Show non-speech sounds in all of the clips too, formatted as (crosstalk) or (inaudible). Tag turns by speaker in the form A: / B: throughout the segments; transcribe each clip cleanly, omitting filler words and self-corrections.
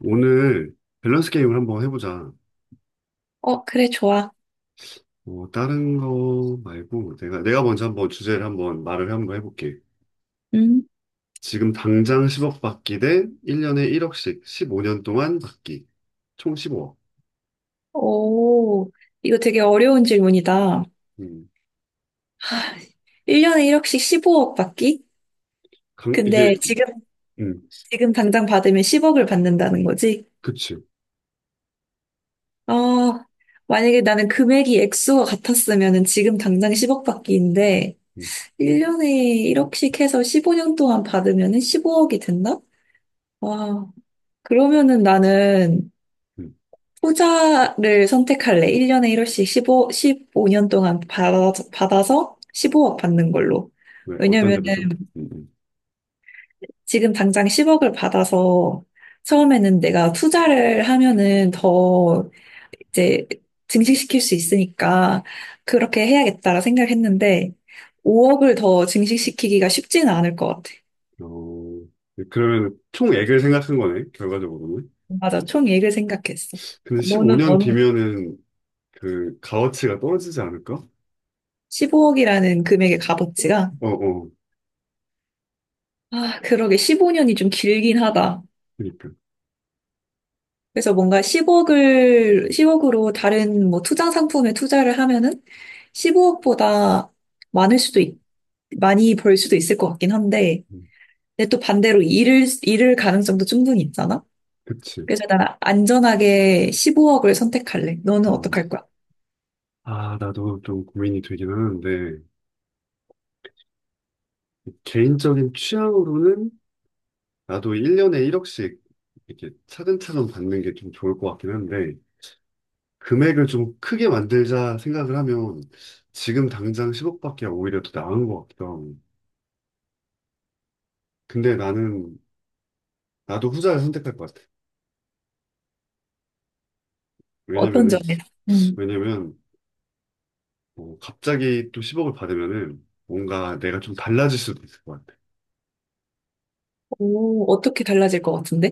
A: 오늘 밸런스 게임을 한번 해보자.
B: 어, 그래, 좋아.
A: 다른 거 말고 내가 먼저 한번 주제를 한번 말을 한번 해볼게.
B: 음.
A: 지금 당장 10억 받기 대 1년에 1억씩 15년 동안 받기. 총 15억.
B: 오, 이거 되게 어려운 질문이다.
A: 음.
B: 하, 1년에 1억씩 15억 받기?
A: 이게.
B: 근데 지금,
A: 음,
B: 지금 당장 받으면 10억을 받는다는 거지?
A: 그치.
B: 어, 만약에 나는 금액이 액수가 같았으면 지금 당장 10억 받기인데,
A: 음,
B: 1년에 1억씩 해서 15년 동안 받으면 15억이 된다? 와, 그러면은 나는
A: 음.
B: 후자를 선택할래. 1년에 1억씩 15, 십오 년 동안 받아서 15억 받는 걸로.
A: 왜 어떤 점에서?
B: 왜냐면은
A: 음, 음.
B: 지금 당장 10억을 받아서 처음에는 내가 투자를 하면은 더 이제 증식시킬 수 있으니까 그렇게 해야겠다라 생각했는데 5억을 더 증식시키기가 쉽지는 않을 것 같아.
A: 어, 그러면 총액을 생각한 거네, 결과적으로는.
B: 맞아. 총액을 생각했어.
A: 근데
B: 너는
A: 15년
B: 어느
A: 뒤면은 그 가어치가 떨어지지 않을까?
B: 15억이라는 금액의 값어치가
A: 어, 어.
B: 아, 그러게 15년이 좀 길긴 하다.
A: 그러니까.
B: 그래서 뭔가 10억으로 다른 뭐 투자 상품에 투자를 하면은 15억보다 많을 수도 있, 많이 벌 수도 있을 것 같긴 한데,
A: 음,
B: 근데 또 반대로 잃을 가능성도 충분히 있잖아?
A: 그치.
B: 그래서 나는 안전하게 15억을 선택할래. 너는
A: 어,
B: 어떡할 거야?
A: 나도 좀 고민이 되긴 하는데, 개인적인 취향으로는 나도 1년에 1억씩 이렇게 차근차근 받는 게 좀 좋을 것 같긴 한데, 금액을 좀 크게 만들자 생각을 하면 지금 당장 10억밖에 오히려 더 나은 것 같기도 하고. 근데 나는, 나도 후자를 선택할 것 같아. 왜냐면은,
B: 어떤 점에서? 음.
A: 왜냐면, 뭐 갑자기 또 10억을 받으면은 뭔가 내가 좀 달라질 수도 있을 것 같아.
B: 오, 어떻게 달라질 것 같은데?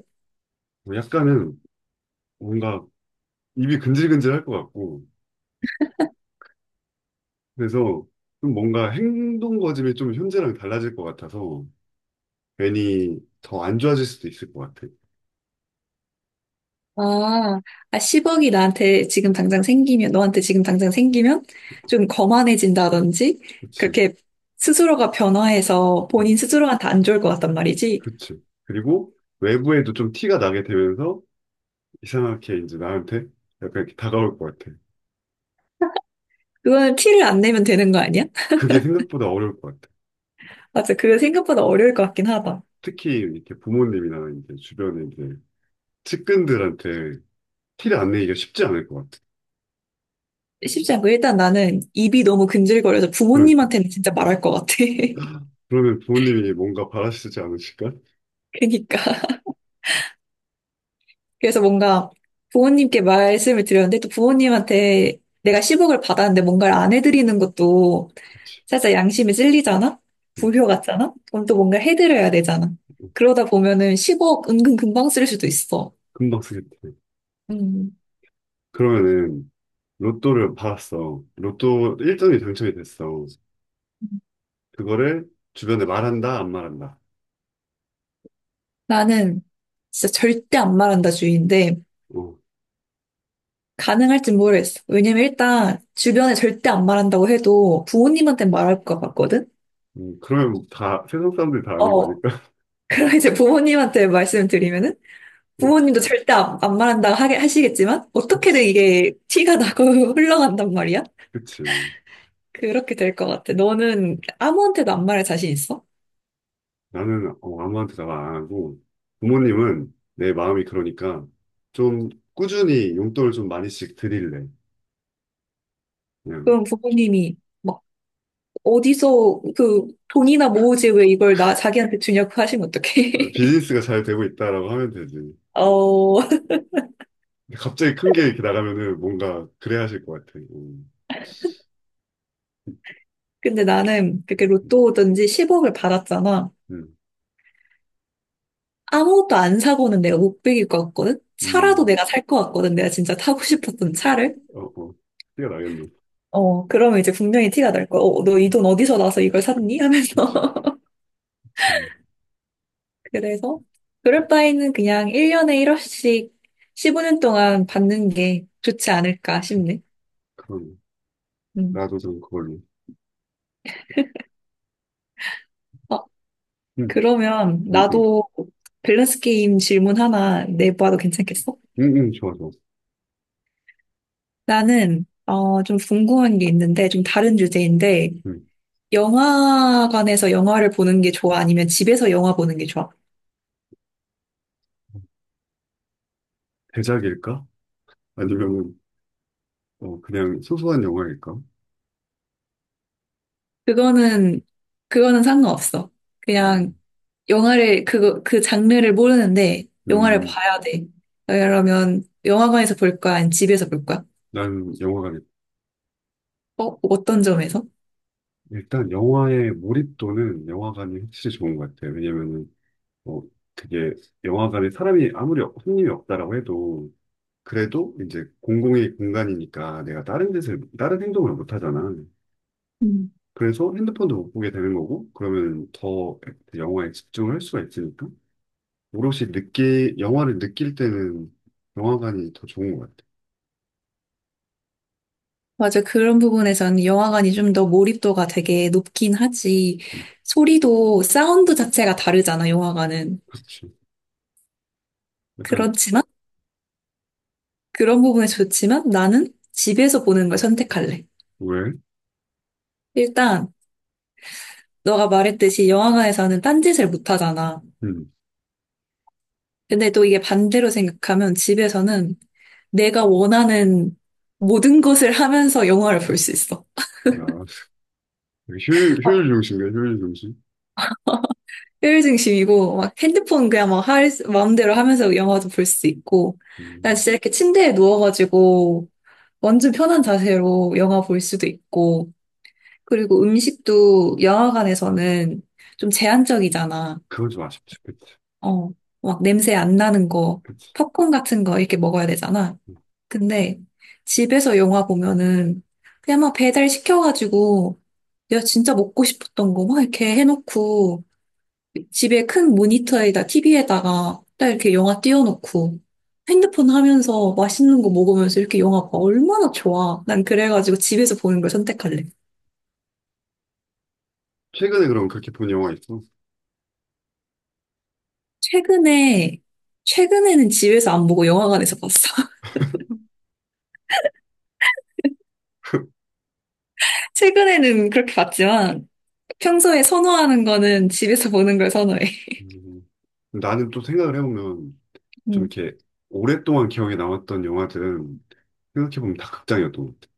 A: 뭐 약간은 뭔가 입이 근질근질 할 것 같고, 그래서 좀 뭔가 행동 거짐이 좀 현재랑 달라질 것 같아서 괜히 더 안 좋아질 수도 있을 것 같아.
B: 아, 아, 10억이 나한테 지금 당장 생기면, 너한테 지금 당장 생기면 좀 거만해진다든지,
A: 그치.
B: 그렇게 스스로가 변화해서
A: 음,
B: 본인 스스로한테 안 좋을 것 같단 말이지.
A: 그치. 그리고 외부에도 좀 티가 나게 되면서 이상하게 이제 나한테 약간 이렇게 다가올 것 같아.
B: 그거는 티를 안 내면 되는 거 아니야?
A: 그게 생각보다 어려울 것 같아.
B: (laughs) 맞아. 그거 생각보다 어려울 것 같긴 하다.
A: 특히 이렇게 부모님이나 이제 주변에 이제 측근들한테 티를 안 내기가 쉽지 않을 것 같아.
B: 쉽지 않고, 일단 나는 입이 너무 근질거려서
A: 그러니까.
B: 부모님한테는 진짜 말할 것 같아. (laughs)
A: 그러면 부모님이 뭔가 바라시지 않으실까?
B: 그니까. 그래서 뭔가 부모님께 말씀을 드렸는데 또 부모님한테 내가 10억을 받았는데 뭔가를 안 해드리는 것도
A: 그치.
B: 살짝 양심이 찔리잖아?
A: 음,
B: 불효 같잖아? 그럼 또 뭔가 해드려야 되잖아.
A: 음, 음.
B: 그러다 보면은 10억 은근 금방 쓸 수도 있어.
A: 금방 쓰겠다.
B: 음,
A: 그러면은 로또를 받았어. 로또 1등이 당첨이 됐어. 그거를 주변에 말한다, 안 말한다.
B: 나는 진짜 절대 안 말한다 주의인데
A: 어,
B: 가능할진 모르겠어. 왜냐면 일단 주변에 절대 안 말한다고 해도 부모님한테 말할 것 같거든?
A: 그러면 다, 세상 사람들이 다 아는 거
B: 어.
A: 아닐까? (laughs)
B: 그럼 이제 부모님한테 말씀을 드리면은
A: 어,
B: 부모님도 절대 안 말한다고 하게 하시겠지만 어떻게든
A: 그치,
B: 이게 티가 나고 (laughs) 흘러간단 말이야.
A: 그치.
B: 그렇게 될 것 같아. 너는 아무한테도 안 말할 자신 있어?
A: 나는 아무한테도 말 안 하고, 부모님은 내 마음이 그러니까 좀 꾸준히 용돈을 좀 많이씩 드릴래. 그냥.
B: 그럼 부모님이 막 어디서 그 돈이나 모으지 왜 이걸 나 자기한테 주냐고 하시면 어떡해?
A: 아, 비즈니스가
B: (laughs)
A: 잘 되고 있다라고 하면 되지. 근데
B: 어 (laughs)
A: 갑자기 큰 게 이렇게 나가면은 뭔가 그래 하실 것 같아. 어,
B: 근데 나는 그렇게
A: 음,
B: 로또든지 10억을 받았잖아.
A: 음,
B: 아무것도 안 사고는 내가 못 빌릴 것 같거든. 차라도
A: 음,
B: 내가 살 것 같거든. 내가 진짜 타고 싶었던 차를.
A: 어, 어, 뛰어나겠네.
B: 어, 그러면 이제 분명히 티가 날 거야. 어, 너 이 돈 어디서 나서 이걸 샀니? 하면서.
A: 그치,
B: (laughs)
A: 그치.
B: 그래서, 그럴 바에는 그냥 1년에 1억씩 15년 동안 받는 게 좋지 않을까 싶네.
A: 그럼
B: 음.
A: 나도 좀 그걸로.
B: 어,
A: 응,
B: 그러면
A: 응, 응,
B: 나도 밸런스 게임 질문 하나 내봐도 괜찮겠어?
A: 응, 응, 좋아, 좋아.
B: 나는, 좀 궁금한 게 있는데, 좀 다른 주제인데,
A: 응.
B: 영화관에서 영화를 보는 게 좋아? 아니면 집에서 영화 보는 게 좋아?
A: 대작일까? 아니면 그냥 소소한 영화일까?
B: 그거는, 그거는 상관없어.
A: 음,
B: 그냥 영화를 그거 그 장르를 모르는데 영화를
A: 음,
B: 봐야 돼. 그러면 영화관에서 볼 거야? 아니면 집에서 볼 거야?
A: 난 영화관.
B: 어? 어떤 점에서?
A: 일단 영화의 몰입도는 영화관이 확실히 좋은 것 같아. 요 왜냐면은 어, 그게 영화관에 사람이 아무리 손님이 없다라고 해도 그래도 이제 공공의 공간이니까 내가 다른 짓을 다른 행동을 못 하잖아.
B: 음.
A: 그래서 핸드폰도 못 보게 되는 거고 그러면 더 영화에 집중을 할 수가 있으니까. 영화를 느낄 때는 영화관이 더 좋은 것 같아.
B: 맞아. 그런 부분에서는 영화관이 좀 더 몰입도가 되게 높긴 하지.
A: 음,
B: 소리도 사운드 자체가 다르잖아, 영화관은.
A: 그렇지. 약간,
B: 그렇지만 그런 부분에 좋지만 나는 집에서 보는 걸 선택할래.
A: 왜?
B: 일단 너가 말했듯이 영화관에서는 딴짓을 못 하잖아.
A: 음,
B: 근데 또 이게 반대로 생각하면 집에서는 내가 원하는 모든 것을 하면서 영화를 볼 수 있어.
A: 아,
B: 막
A: 효율 중심이야, 효율 중심.
B: 효율중심이고, 막 핸드폰 그냥 막 마음대로 하면서 영화도 볼 수 있고, 난
A: 음,
B: 진짜 이렇게 침대에 누워가지고 완전 편한 자세로 영화 볼 수도 있고, 그리고 음식도 영화관에서는 좀 제한적이잖아.
A: 그건 좀 아쉽지. 그치,
B: 어, 막 냄새 안 나는 거,
A: 그치.
B: 팝콘 같은 거 이렇게 먹어야 되잖아.
A: 음.
B: 근데 집에서 영화 보면은 그냥 막 배달 시켜가지고 내가 진짜 먹고 싶었던 거 막 이렇게 해놓고 집에 큰 모니터에다 TV에다가 딱 이렇게 영화 띄워놓고 핸드폰 하면서 맛있는 거 먹으면서 이렇게 영화 봐. 얼마나 좋아. 난 그래가지고 집에서 보는 걸 선택할래.
A: 최근에 그럼 그렇게 본 영화 있어?
B: 최근에, 최근에는 집에서 안 보고 영화관에서 봤어. (laughs) 최근에는 그렇게 봤지만 평소에 선호하는 거는 집에서 보는 걸 선호해.
A: 음, 나는 또 생각을 해보면, 좀
B: 음.
A: 이렇게 오랫동안 기억에 남았던 영화들은 생각해보면 다 극장이었던 것 같아.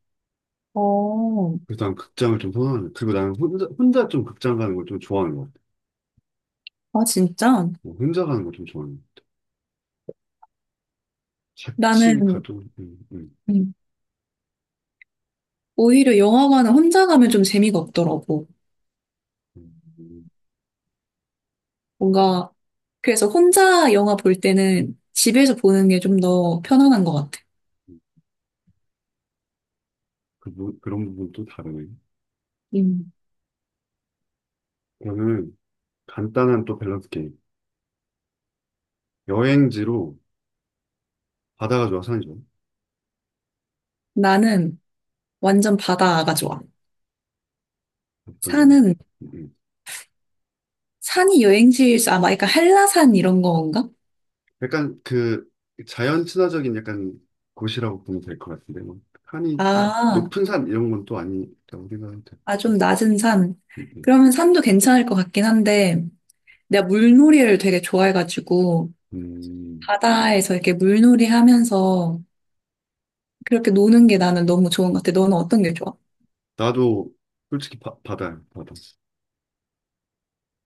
B: 어,
A: 그래서 난 극장을 좀 선호하는, 그리고 나는 혼자 좀 극장 가는 걸 좀 좋아하는 것 같아.
B: 아, 진짜?
A: 뭐 혼자 가는 걸 좀 좋아하는 것 같아. 같이
B: 나는,
A: 가도,
B: 음. 오히려 영화관은 혼자 가면 좀 재미가 없더라고.
A: 음,
B: 뭔가, 그래서 혼자 영화 볼 때는 집에서 보는 게 좀 더 편안한 것 같아.
A: 그런 부분도 다르네.
B: 음.
A: 저는 간단한 또 밸런스 게임. 여행지로 바다가 좋아, 산이 좋아?
B: 나는 완전 바다가 좋아.
A: 어떤 점인가?
B: 산은,
A: 음, 음.
B: 산이 여행지에서 아마 약간 한라산 이런 건가?
A: 약간 그 자연 친화적인 약간 곳이라고 보면 될 것 같은데, 뭐 산이 막
B: 아,
A: 높은 산 이런 건 또 아니라고 생각하면 될 것
B: 아, 좀
A: 같아요.
B: 낮은 산.
A: 음, 음.
B: 그러면 산도 괜찮을 것 같긴 한데, 내가 물놀이를 되게 좋아해가지고,
A: 음,
B: 바다에서 이렇게 물놀이 하면서 그렇게 노는 게 나는 너무 좋은 것 같아. 너는 어떤 게 좋아?
A: 나도 솔직히 바다야, 바다.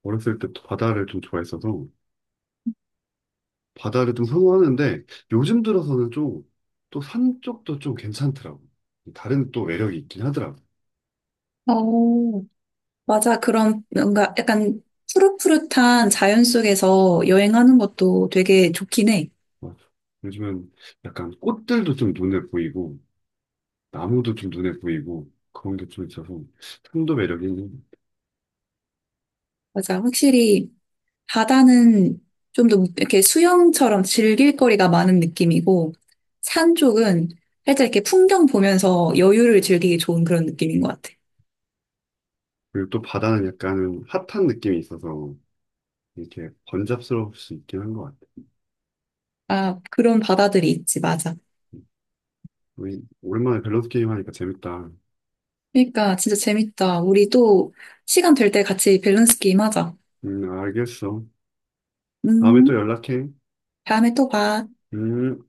A: 어렸을 때 바다를 좀 좋아했어서 바다를 좀 선호하는데 요즘 들어서는 좀 또 산 쪽도 좀 괜찮더라고. 다른 또 매력이 있긴 하더라고.
B: 어, 맞아. 그런 뭔가 약간 푸릇푸릇한 자연 속에서 여행하는 것도 되게 좋긴 해.
A: 어, 요즘은 약간 꽃들도 좀 눈에 보이고 나무도 좀 눈에 보이고 그런 게 좀 있어서 산도 매력이 있는 것 같아.
B: 맞아. 확실히 바다는 좀 더 이렇게 수영처럼 즐길 거리가 많은 느낌이고 산 쪽은 살짝 이렇게 풍경 보면서 여유를 즐기기 좋은 그런 느낌인 것 같아.
A: 그리고 또 바다는 약간 핫한 느낌이 있어서 이렇게 번잡스러울 수 있긴 한 것 같아.
B: 아, 그런 바다들이 있지. 맞아.
A: 우리 오랜만에 밸런스 게임 하니까 재밌다.
B: 그러니까 진짜 재밌다. 우리도 시간 될 때 같이 밸런스 게임 하자.
A: 알겠어. 다음에 또
B: 음,
A: 연락해.
B: 다음에 또 봐.
A: 음.